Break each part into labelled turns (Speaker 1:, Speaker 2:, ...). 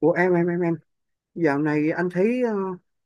Speaker 1: Ủa em dạo này anh thấy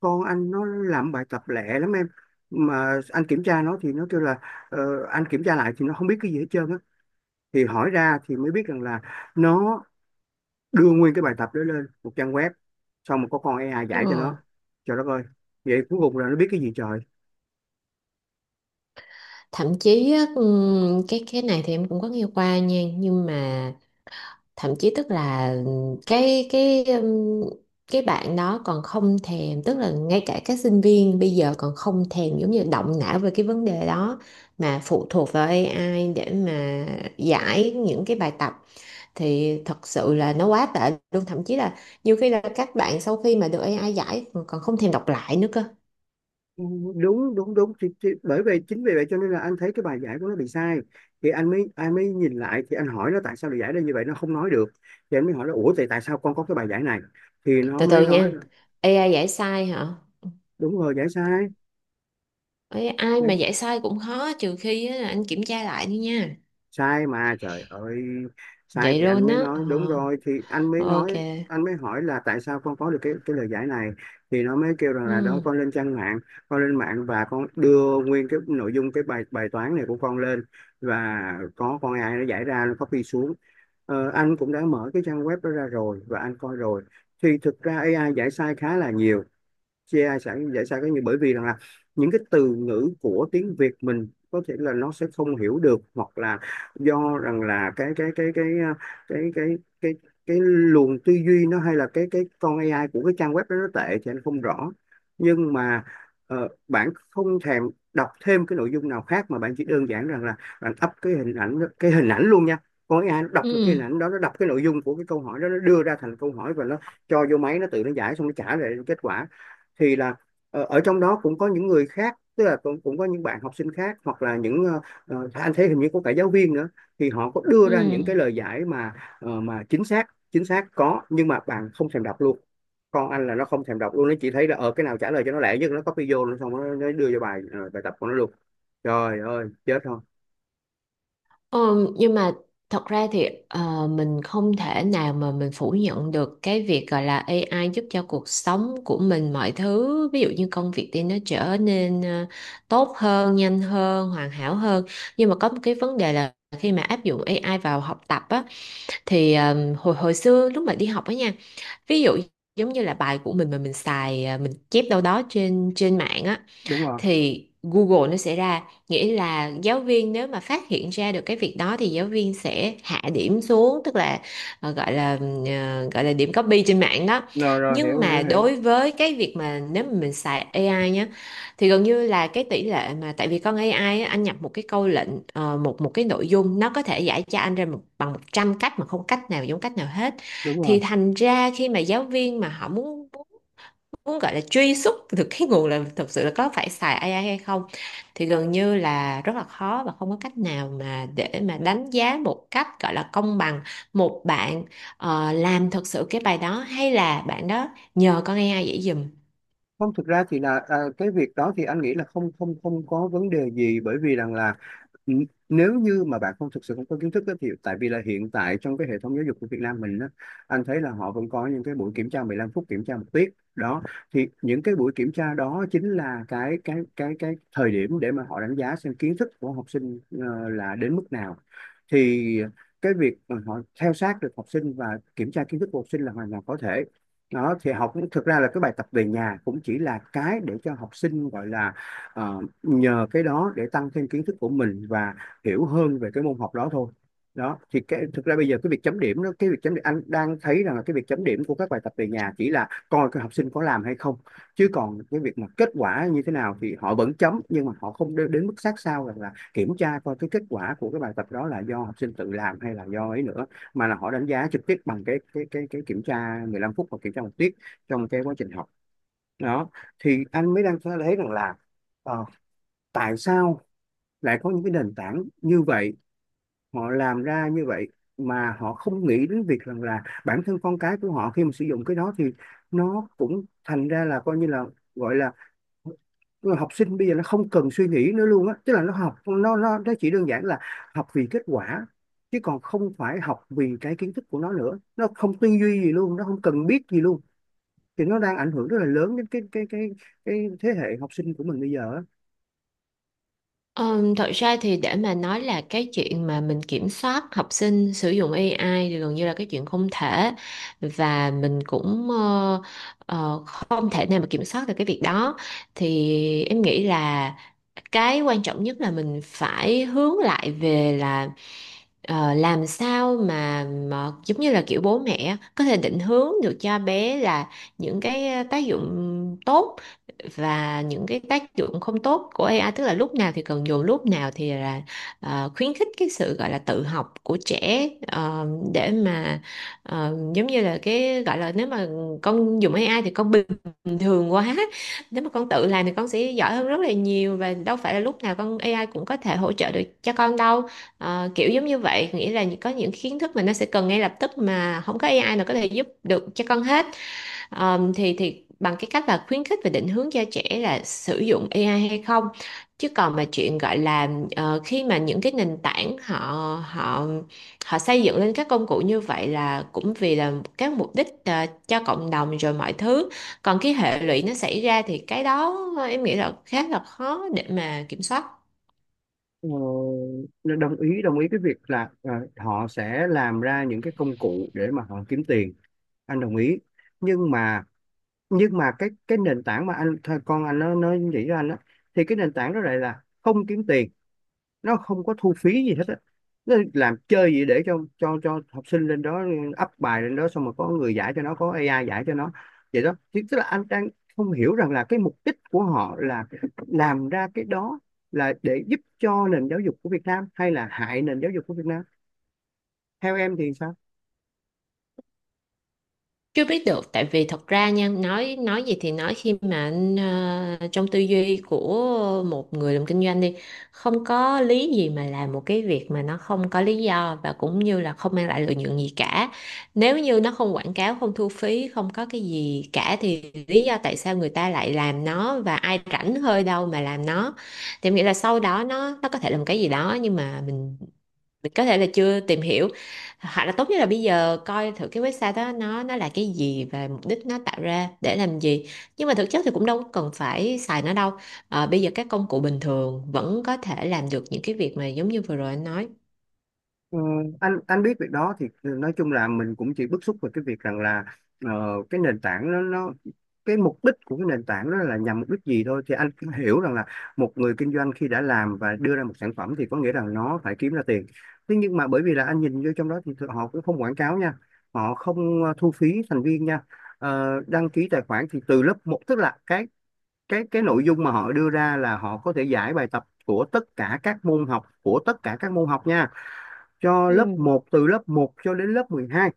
Speaker 1: con anh nó làm bài tập lẹ lắm em, mà anh kiểm tra nó thì nó kêu là anh kiểm tra lại thì nó không biết cái gì hết trơn á. Thì hỏi ra thì mới biết rằng là nó đưa nguyên cái bài tập đó lên một trang web, xong rồi có con AI giải cho nó.
Speaker 2: Ờ.
Speaker 1: Trời đất ơi, vậy cuối cùng là nó biết cái gì trời.
Speaker 2: Thậm chí á, cái này thì em cũng có nghe qua nha, nhưng mà thậm chí tức là cái bạn đó còn không thèm, tức là ngay cả các sinh viên bây giờ còn không thèm giống như động não về cái vấn đề đó, mà phụ thuộc vào AI để mà giải những cái bài tập. Thì thật sự là nó quá tệ luôn, thậm chí là nhiều khi là các bạn sau khi mà được AI giải còn không thèm đọc lại nữa cơ.
Speaker 1: Đúng đúng đúng thì, bởi vì chính vì vậy cho nên là anh thấy cái bài giải của nó bị sai, thì anh mới nhìn lại, thì anh hỏi nó tại sao lại giải ra như vậy, nó không nói được. Thì anh mới hỏi nó ủa thì tại sao con có cái bài giải này, thì nó
Speaker 2: Từ
Speaker 1: mới
Speaker 2: từ
Speaker 1: nói
Speaker 2: nha,
Speaker 1: là,
Speaker 2: AI giải sai hả?
Speaker 1: đúng rồi, giải sai.
Speaker 2: Ê, ai mà dạy sai cũng khó, trừ khi á, là anh kiểm tra lại đi nha.
Speaker 1: Sai mà trời ơi. Sai
Speaker 2: Vậy
Speaker 1: thì anh
Speaker 2: luôn
Speaker 1: mới
Speaker 2: á. Ờ,
Speaker 1: nói đúng rồi, thì anh mới nói,
Speaker 2: ok.
Speaker 1: anh mới hỏi là tại sao con có được cái lời giải này, thì nó mới kêu rằng là đó
Speaker 2: Ừ,
Speaker 1: con lên trang mạng, con lên mạng và con đưa nguyên cái nội dung cái bài bài toán này của con lên, và có con AI nó giải ra, nó copy xuống. Ờ, anh cũng đã mở cái trang web đó ra rồi và anh coi rồi, thì thực ra AI giải sai khá là nhiều. Chia sẵn giải sao cái như bởi vì rằng là những cái từ ngữ của tiếng Việt mình có thể là nó sẽ không hiểu được, hoặc là do rằng là cái cái cái cái luồng tư duy nó, hay là cái con AI của cái trang web đó nó tệ thì anh không rõ. Nhưng mà bạn không thèm đọc thêm cái nội dung nào khác, mà bạn chỉ đơn giản rằng là bạn up cái hình ảnh cái hình ảnh luôn nha, con AI nó
Speaker 2: ừ,
Speaker 1: đọc được cái hình ảnh đó, nó đọc cái nội dung của cái câu hỏi đó, nó đưa ra thành câu hỏi và nó cho vô máy, nó tự nó giải xong nó trả lại kết quả. Thì là ở trong đó cũng có những người khác, tức là cũng cũng có những bạn học sinh khác, hoặc là những anh thấy hình như có cả giáo viên nữa, thì họ có đưa ra
Speaker 2: ừ.
Speaker 1: những cái lời giải mà mà chính xác, chính xác có, nhưng mà bạn không thèm đọc luôn. Con anh là nó không thèm đọc luôn, nó chỉ thấy là ở cái nào trả lời cho nó lẹ nhất nó copy vô nó xong nó đưa cho bài bài tập của nó luôn. Trời ơi chết không.
Speaker 2: Ờ, nhưng mà thật ra thì mình không thể nào mà mình phủ nhận được cái việc gọi là AI giúp cho cuộc sống của mình, mọi thứ ví dụ như công việc thì nó trở nên tốt hơn, nhanh hơn, hoàn hảo hơn. Nhưng mà có một cái vấn đề là khi mà áp dụng AI vào học tập á, thì hồi hồi xưa lúc mà đi học á nha, ví dụ giống như là bài của mình mà mình xài à, mình chép đâu đó trên trên mạng á,
Speaker 1: đúng rồi
Speaker 2: thì Google nó sẽ ra, nghĩa là giáo viên nếu mà phát hiện ra được cái việc đó thì giáo viên sẽ hạ điểm xuống, tức là gọi là gọi là điểm copy trên mạng đó.
Speaker 1: rồi rồi hiểu
Speaker 2: Nhưng
Speaker 1: hiểu
Speaker 2: mà
Speaker 1: hiểu
Speaker 2: đối với cái việc mà nếu mà mình xài AI nhá, thì gần như là cái tỷ lệ mà tại vì con AI á, anh nhập một cái câu lệnh một một cái nội dung, nó có thể giải cho anh ra một, bằng 100 cách mà không cách nào giống cách nào hết.
Speaker 1: đúng rồi.
Speaker 2: Thì thành ra khi mà giáo viên mà họ muốn muốn gọi là truy xuất được cái nguồn là thực sự là có phải xài AI hay không, thì gần như là rất là khó và không có cách nào mà để mà đánh giá một cách gọi là công bằng một bạn làm thật sự cái bài đó, hay là bạn đó nhờ con AI dễ dùm.
Speaker 1: Không, thực ra thì là cái việc đó thì anh nghĩ là không không không có vấn đề gì, bởi vì rằng là nếu như mà bạn không thực sự không có kiến thức á, thì tại vì là hiện tại trong cái hệ thống giáo dục của Việt Nam mình á, anh thấy là họ vẫn có những cái buổi kiểm tra 15 phút, kiểm tra một tiết đó. Thì những cái buổi kiểm tra đó chính là cái thời điểm để mà họ đánh giá xem kiến thức của học sinh là đến mức nào. Thì cái việc mà họ theo sát được học sinh và kiểm tra kiến thức của học sinh là hoàn toàn có thể. Đó, thì học thực ra là cái bài tập về nhà cũng chỉ là cái để cho học sinh gọi là nhờ cái đó để tăng thêm kiến thức của mình và hiểu hơn về cái môn học đó thôi. Đó, thì cái thực ra bây giờ cái việc chấm điểm đó, cái việc chấm điểm anh đang thấy rằng là cái việc chấm điểm của các bài tập về nhà chỉ là coi cái học sinh có làm hay không, chứ còn cái việc mà kết quả như thế nào thì họ vẫn chấm, nhưng mà họ không đến mức sát sao rằng là kiểm tra coi cái kết quả của cái bài tập đó là do học sinh tự làm hay là do ấy nữa, mà là họ đánh giá trực tiếp bằng cái kiểm tra 15 phút hoặc kiểm tra một tiết trong cái quá trình học. Đó, thì anh mới đang thấy rằng là ờ, tại sao lại có những cái nền tảng như vậy, họ làm ra như vậy, mà họ không nghĩ đến việc rằng là bản thân con cái của họ khi mà sử dụng cái đó thì nó cũng thành ra là coi như là gọi là, nhưng mà học sinh bây giờ nó không cần suy nghĩ nữa luôn á, tức là nó học nó chỉ đơn giản là học vì kết quả, chứ còn không phải học vì cái kiến thức của nó nữa, nó không tư duy gì luôn, nó không cần biết gì luôn. Thì nó đang ảnh hưởng rất là lớn đến cái thế hệ học sinh của mình bây giờ á.
Speaker 2: Thật ra thì để mà nói là cái chuyện mà mình kiểm soát học sinh sử dụng AI thì gần như là cái chuyện không thể, và mình cũng không thể nào mà kiểm soát được cái việc đó. Thì em nghĩ là cái quan trọng nhất là mình phải hướng lại về là làm sao mà giống như là kiểu bố mẹ có thể định hướng được cho bé là những cái tác dụng tốt và những cái tác dụng không tốt của AI, tức là lúc nào thì cần dùng, lúc nào thì là khuyến khích cái sự gọi là tự học của trẻ, để mà giống như là cái gọi là nếu mà con dùng AI thì con bình thường quá, nếu mà con tự làm thì con sẽ giỏi hơn rất là nhiều, và đâu phải là lúc nào con AI cũng có thể hỗ trợ được cho con đâu. Ờ, kiểu giống như vậy, nghĩa là có những kiến thức mà nó sẽ cần ngay lập tức mà không có AI nào có thể giúp được cho con hết. Thì bằng cái cách là khuyến khích và định hướng cho trẻ là sử dụng AI hay không, chứ còn mà chuyện gọi là khi mà những cái nền tảng họ họ họ xây dựng lên các công cụ như vậy là cũng vì là các mục đích cho cộng đồng rồi mọi thứ, còn cái hệ lụy nó xảy ra thì cái đó em nghĩ là khá là khó để mà kiểm soát.
Speaker 1: Ờ, nên đồng ý, đồng ý cái việc là họ sẽ làm ra những cái công cụ để mà họ kiếm tiền, anh đồng ý. Nhưng mà nhưng mà cái nền tảng mà anh thôi con anh nó nghĩ ra anh á, thì cái nền tảng đó lại là không kiếm tiền, nó không có thu phí gì hết á, nó làm chơi gì để cho cho học sinh lên đó up bài lên đó, xong rồi có người giải cho nó, có AI giải cho nó. Vậy đó. Thì tức là anh đang không hiểu rằng là cái mục đích của họ là làm ra cái đó là để giúp cho nền giáo dục của Việt Nam hay là hại nền giáo dục của Việt Nam. Theo em thì sao.
Speaker 2: Chưa biết được, tại vì thật ra nha, nói gì thì nói, khi mà anh trong tư duy của một người làm kinh doanh đi, không có lý gì mà làm một cái việc mà nó không có lý do và cũng như là không mang lại lợi nhuận gì cả. Nếu như nó không quảng cáo, không thu phí, không có cái gì cả, thì lý do tại sao người ta lại làm nó, và ai rảnh hơi đâu mà làm nó. Thì em nghĩ là sau đó nó có thể làm cái gì đó, nhưng mà mình có thể là chưa tìm hiểu, hoặc là tốt nhất là bây giờ coi thử cái website đó nó là cái gì và mục đích nó tạo ra để làm gì. Nhưng mà thực chất thì cũng đâu có cần phải xài nó đâu. Ờ, bây giờ các công cụ bình thường vẫn có thể làm được những cái việc mà giống như vừa rồi anh nói.
Speaker 1: Ờ, anh biết việc đó, thì nói chung là mình cũng chỉ bức xúc về cái việc rằng là ờ, cái nền tảng nó cái mục đích của cái nền tảng đó là nhằm mục đích gì thôi, thì anh cũng hiểu rằng là một người kinh doanh khi đã làm và đưa ra một sản phẩm thì có nghĩa rằng nó phải kiếm ra tiền. Thế nhưng mà bởi vì là anh nhìn vô trong đó thì họ cũng không quảng cáo nha, họ không thu phí thành viên nha. Ờ, đăng ký tài khoản thì từ lớp một, tức là cái nội dung mà họ đưa ra là họ có thể giải bài tập của tất cả các môn học, của tất cả các môn học nha, cho lớp
Speaker 2: Ừ.
Speaker 1: một, từ lớp một cho đến lớp mười hai.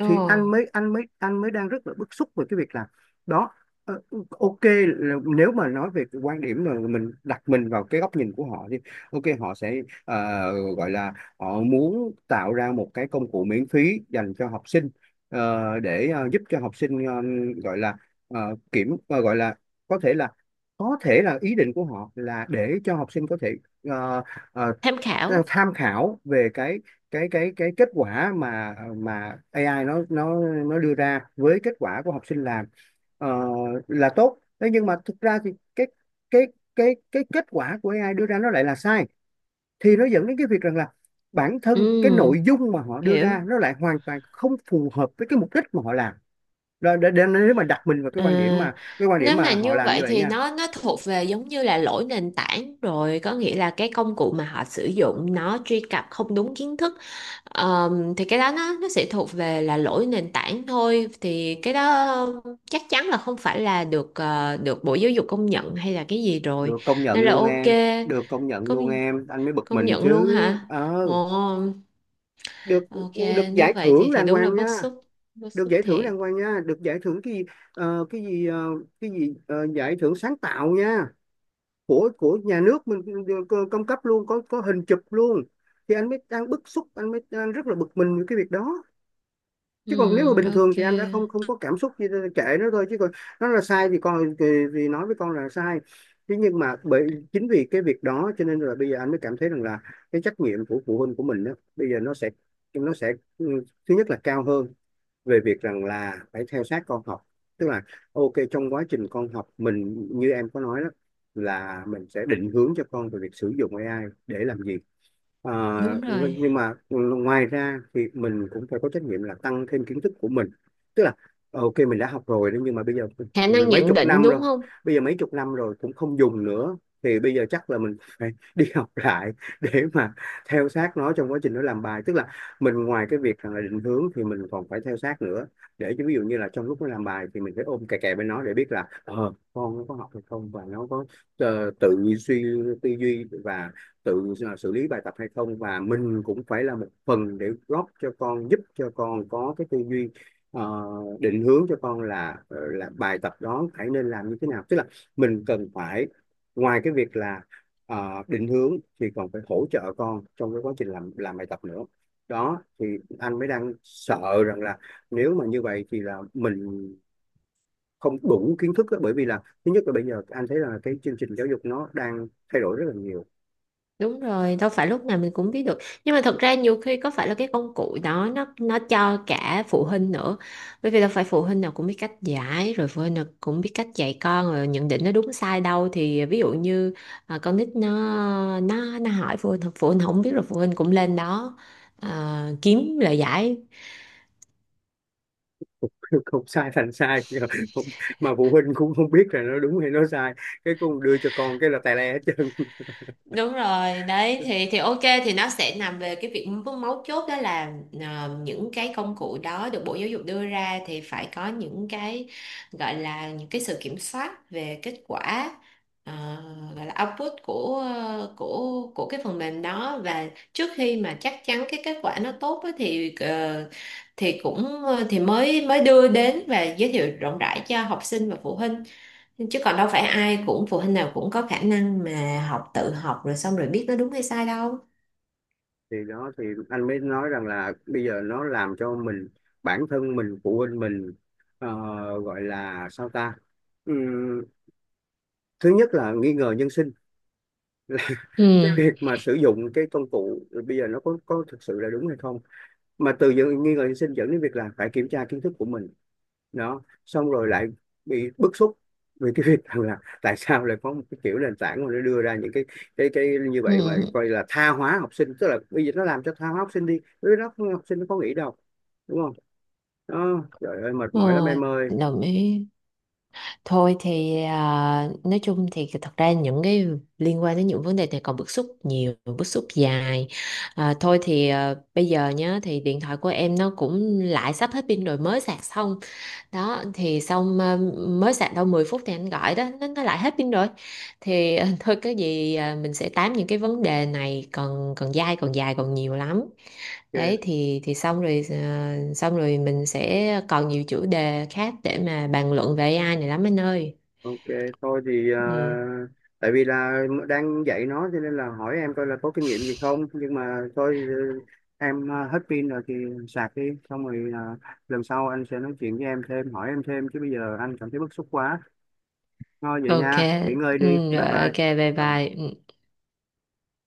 Speaker 2: Ồ,
Speaker 1: Thì anh mới đang rất là bức xúc về cái việc là đó. Ờ, ok là nếu mà nói về cái quan điểm mà mình đặt mình vào cái góc nhìn của họ thì ok họ sẽ gọi là họ muốn tạo ra một cái công cụ miễn phí dành cho học sinh để giúp cho học sinh gọi là gọi là có thể là có thể là ý định của họ là để cho học sinh có thể uh,
Speaker 2: tham khảo.
Speaker 1: tham khảo về cái kết quả mà AI nó đưa ra với kết quả của học sinh làm. ờ, là tốt, thế nhưng mà thực ra thì cái cái kết quả của AI đưa ra nó lại là sai, thì nó dẫn đến cái việc rằng là bản thân cái nội
Speaker 2: Ừ,
Speaker 1: dung mà họ đưa
Speaker 2: hiểu.
Speaker 1: ra nó lại hoàn toàn không phù hợp với cái mục đích mà họ làm. Rồi để nếu mà đặt mình vào cái
Speaker 2: Ờ,
Speaker 1: quan điểm mà cái quan điểm
Speaker 2: nếu mà
Speaker 1: mà họ
Speaker 2: như
Speaker 1: làm như
Speaker 2: vậy
Speaker 1: vậy
Speaker 2: thì
Speaker 1: nha,
Speaker 2: nó thuộc về giống như là lỗi nền tảng rồi, có nghĩa là cái công cụ mà họ sử dụng nó truy cập không đúng kiến thức. Thì cái đó nó sẽ thuộc về là lỗi nền tảng thôi, thì cái đó chắc chắn là không phải là được được Bộ Giáo dục công nhận hay là cái gì rồi,
Speaker 1: được công nhận
Speaker 2: nên là
Speaker 1: luôn
Speaker 2: ok.
Speaker 1: em. Được công nhận luôn
Speaker 2: Công
Speaker 1: em, anh mới bực
Speaker 2: công
Speaker 1: mình
Speaker 2: nhận
Speaker 1: chứ.
Speaker 2: luôn hả?
Speaker 1: Ờ,
Speaker 2: Ồ,
Speaker 1: được,
Speaker 2: ok.
Speaker 1: được
Speaker 2: Nếu
Speaker 1: giải
Speaker 2: vậy
Speaker 1: thưởng
Speaker 2: thì
Speaker 1: đàng
Speaker 2: đúng là
Speaker 1: hoàng
Speaker 2: bức
Speaker 1: nha,
Speaker 2: xúc, bức
Speaker 1: được
Speaker 2: xúc
Speaker 1: giải thưởng
Speaker 2: thiệt.
Speaker 1: đàng hoàng nha, được giải thưởng cái gì, ờ, cái gì ờ, giải thưởng sáng tạo nha, của nhà nước mình công cấp luôn, có hình chụp luôn. Thì anh mới đang bức xúc, anh mới đang rất là bực mình với cái việc đó. Chứ còn nếu mà
Speaker 2: Ừ,
Speaker 1: bình
Speaker 2: ok,
Speaker 1: thường thì em đã không không có cảm xúc gì, kệ nó thôi. Chứ còn nó là sai thì con thì nói với con là sai. Thế nhưng mà bởi chính vì cái việc đó cho nên là bây giờ anh mới cảm thấy rằng là cái trách nhiệm của phụ huynh của mình đó bây giờ nó sẽ ừ, thứ nhất là cao hơn, về việc rằng là phải theo sát con học. Tức là ok, trong quá trình con học mình như em có nói đó, là mình sẽ định hướng cho con về việc sử dụng AI để làm gì. Ờ,
Speaker 2: đúng rồi,
Speaker 1: nhưng mà ngoài ra thì mình cũng phải có trách nhiệm là tăng thêm kiến thức của mình. Tức là ok, mình đã học rồi đó, nhưng mà bây giờ
Speaker 2: khả năng
Speaker 1: mấy
Speaker 2: nhận
Speaker 1: chục
Speaker 2: định
Speaker 1: năm rồi,
Speaker 2: đúng không.
Speaker 1: bây giờ mấy chục năm rồi cũng không dùng nữa, thì bây giờ chắc là mình phải đi học lại, để mà theo sát nó trong quá trình nó làm bài. Tức là mình ngoài cái việc là định hướng thì mình còn phải theo sát nữa, để cho ví dụ như là trong lúc nó làm bài thì mình phải ôm kè kè bên nó, để biết là ờ con nó có học hay không, và nó có tự suy, tư duy và tự xử lý bài tập hay không, và mình cũng phải là một phần để góp cho con, giúp cho con có cái tư duy, ờ, định hướng cho con là là bài tập đó phải nên làm như thế nào. Tức là mình cần phải, ngoài cái việc là định hướng thì còn phải hỗ trợ con trong cái quá trình làm bài tập nữa. Đó thì anh mới đang sợ rằng là, nếu mà như vậy thì là mình không đủ kiến thức á, bởi vì là thứ nhất là bây giờ anh thấy là cái chương trình giáo dục nó đang thay đổi rất là nhiều.
Speaker 2: Đúng rồi, đâu phải lúc nào mình cũng biết được. Nhưng mà thật ra nhiều khi có phải là cái công cụ đó nó cho cả phụ huynh nữa, bởi vì đâu phải phụ huynh nào cũng biết cách giải, rồi phụ huynh nào cũng biết cách dạy con rồi nhận định nó đúng sai đâu. Thì ví dụ như à, con nít nó nó hỏi phụ huynh, phụ huynh không biết, rồi phụ huynh cũng lên đó à, kiếm lời giải.
Speaker 1: Không sai thành sai. Nhưng mà Không- mà phụ huynh cũng không biết là nó đúng hay nó sai, cái con đưa cho con cái là tài le hết trơn.
Speaker 2: Đúng rồi, đấy thì ok, thì nó sẽ nằm về cái việc mấu mấu chốt đó là những cái công cụ đó được Bộ Giáo dục đưa ra thì phải có những cái gọi là những cái sự kiểm soát về kết quả, ờ, gọi là output của của cái phần mềm đó, và trước khi mà chắc chắn cái kết quả nó tốt á, thì thì cũng thì mới mới đưa đến và giới thiệu rộng rãi cho học sinh và phụ huynh, chứ còn đâu phải ai cũng phụ huynh nào cũng có khả năng mà tự học rồi xong rồi biết nó đúng hay sai đâu.
Speaker 1: Thì đó, thì anh mới nói rằng là bây giờ nó làm cho mình, bản thân mình, phụ huynh mình, ờ, gọi là sao ta. Ừm, Thứ nhất là nghi ngờ nhân sinh,
Speaker 2: Ừ,
Speaker 1: cái việc mà sử dụng cái công cụ bây giờ nó có thực sự là đúng hay không, mà từ những nghi ngờ sinh dẫn đến việc là phải kiểm tra kiến thức của mình. Nó xong rồi lại bị bức xúc vì cái việc rằng là tại sao lại có một cái kiểu nền tảng mà nó đưa ra những cái cái như
Speaker 2: ừ,
Speaker 1: vậy, mà coi là tha hóa học sinh. Tức là bây giờ nó làm cho tha hóa học sinh đi, với nó học sinh nó có nghĩ đâu, đúng không? Đó, trời ơi mệt
Speaker 2: ừ,
Speaker 1: mỏi lắm em ơi.
Speaker 2: đồng ý. Thôi thì à, nói chung thì thật ra những cái liên quan đến những vấn đề này còn bức xúc nhiều, bức xúc dài. À, thôi thì à, bây giờ nhá, thì điện thoại của em nó cũng lại sắp hết pin rồi, mới sạc xong. Đó thì xong mới sạc đâu 10 phút thì anh gọi đó, nó lại hết pin rồi. Thì thôi, cái gì mình sẽ tám những cái vấn đề này còn, còn dai, còn dài, còn nhiều lắm. Đấy
Speaker 1: Ok.
Speaker 2: thì xong rồi, xong rồi mình sẽ còn nhiều chủ đề khác để mà bàn luận về AI này lắm anh ơi.
Speaker 1: Ok, thôi thì
Speaker 2: Ừ.
Speaker 1: à, tại vì là đang dạy nó cho nên là hỏi em coi là có kinh nghiệm gì không, nhưng mà thôi, ừ, em à, hết pin rồi thì sạc đi, xong rồi à, lần sau anh sẽ nói chuyện với em thêm, hỏi em thêm, chứ bây giờ anh cảm thấy bức xúc quá. Thôi vậy
Speaker 2: Ok.
Speaker 1: nha, nghỉ ngơi đi,
Speaker 2: Ừ, rồi,
Speaker 1: bye bye.
Speaker 2: ok, bye
Speaker 1: Ờ.
Speaker 2: bye. Ừ.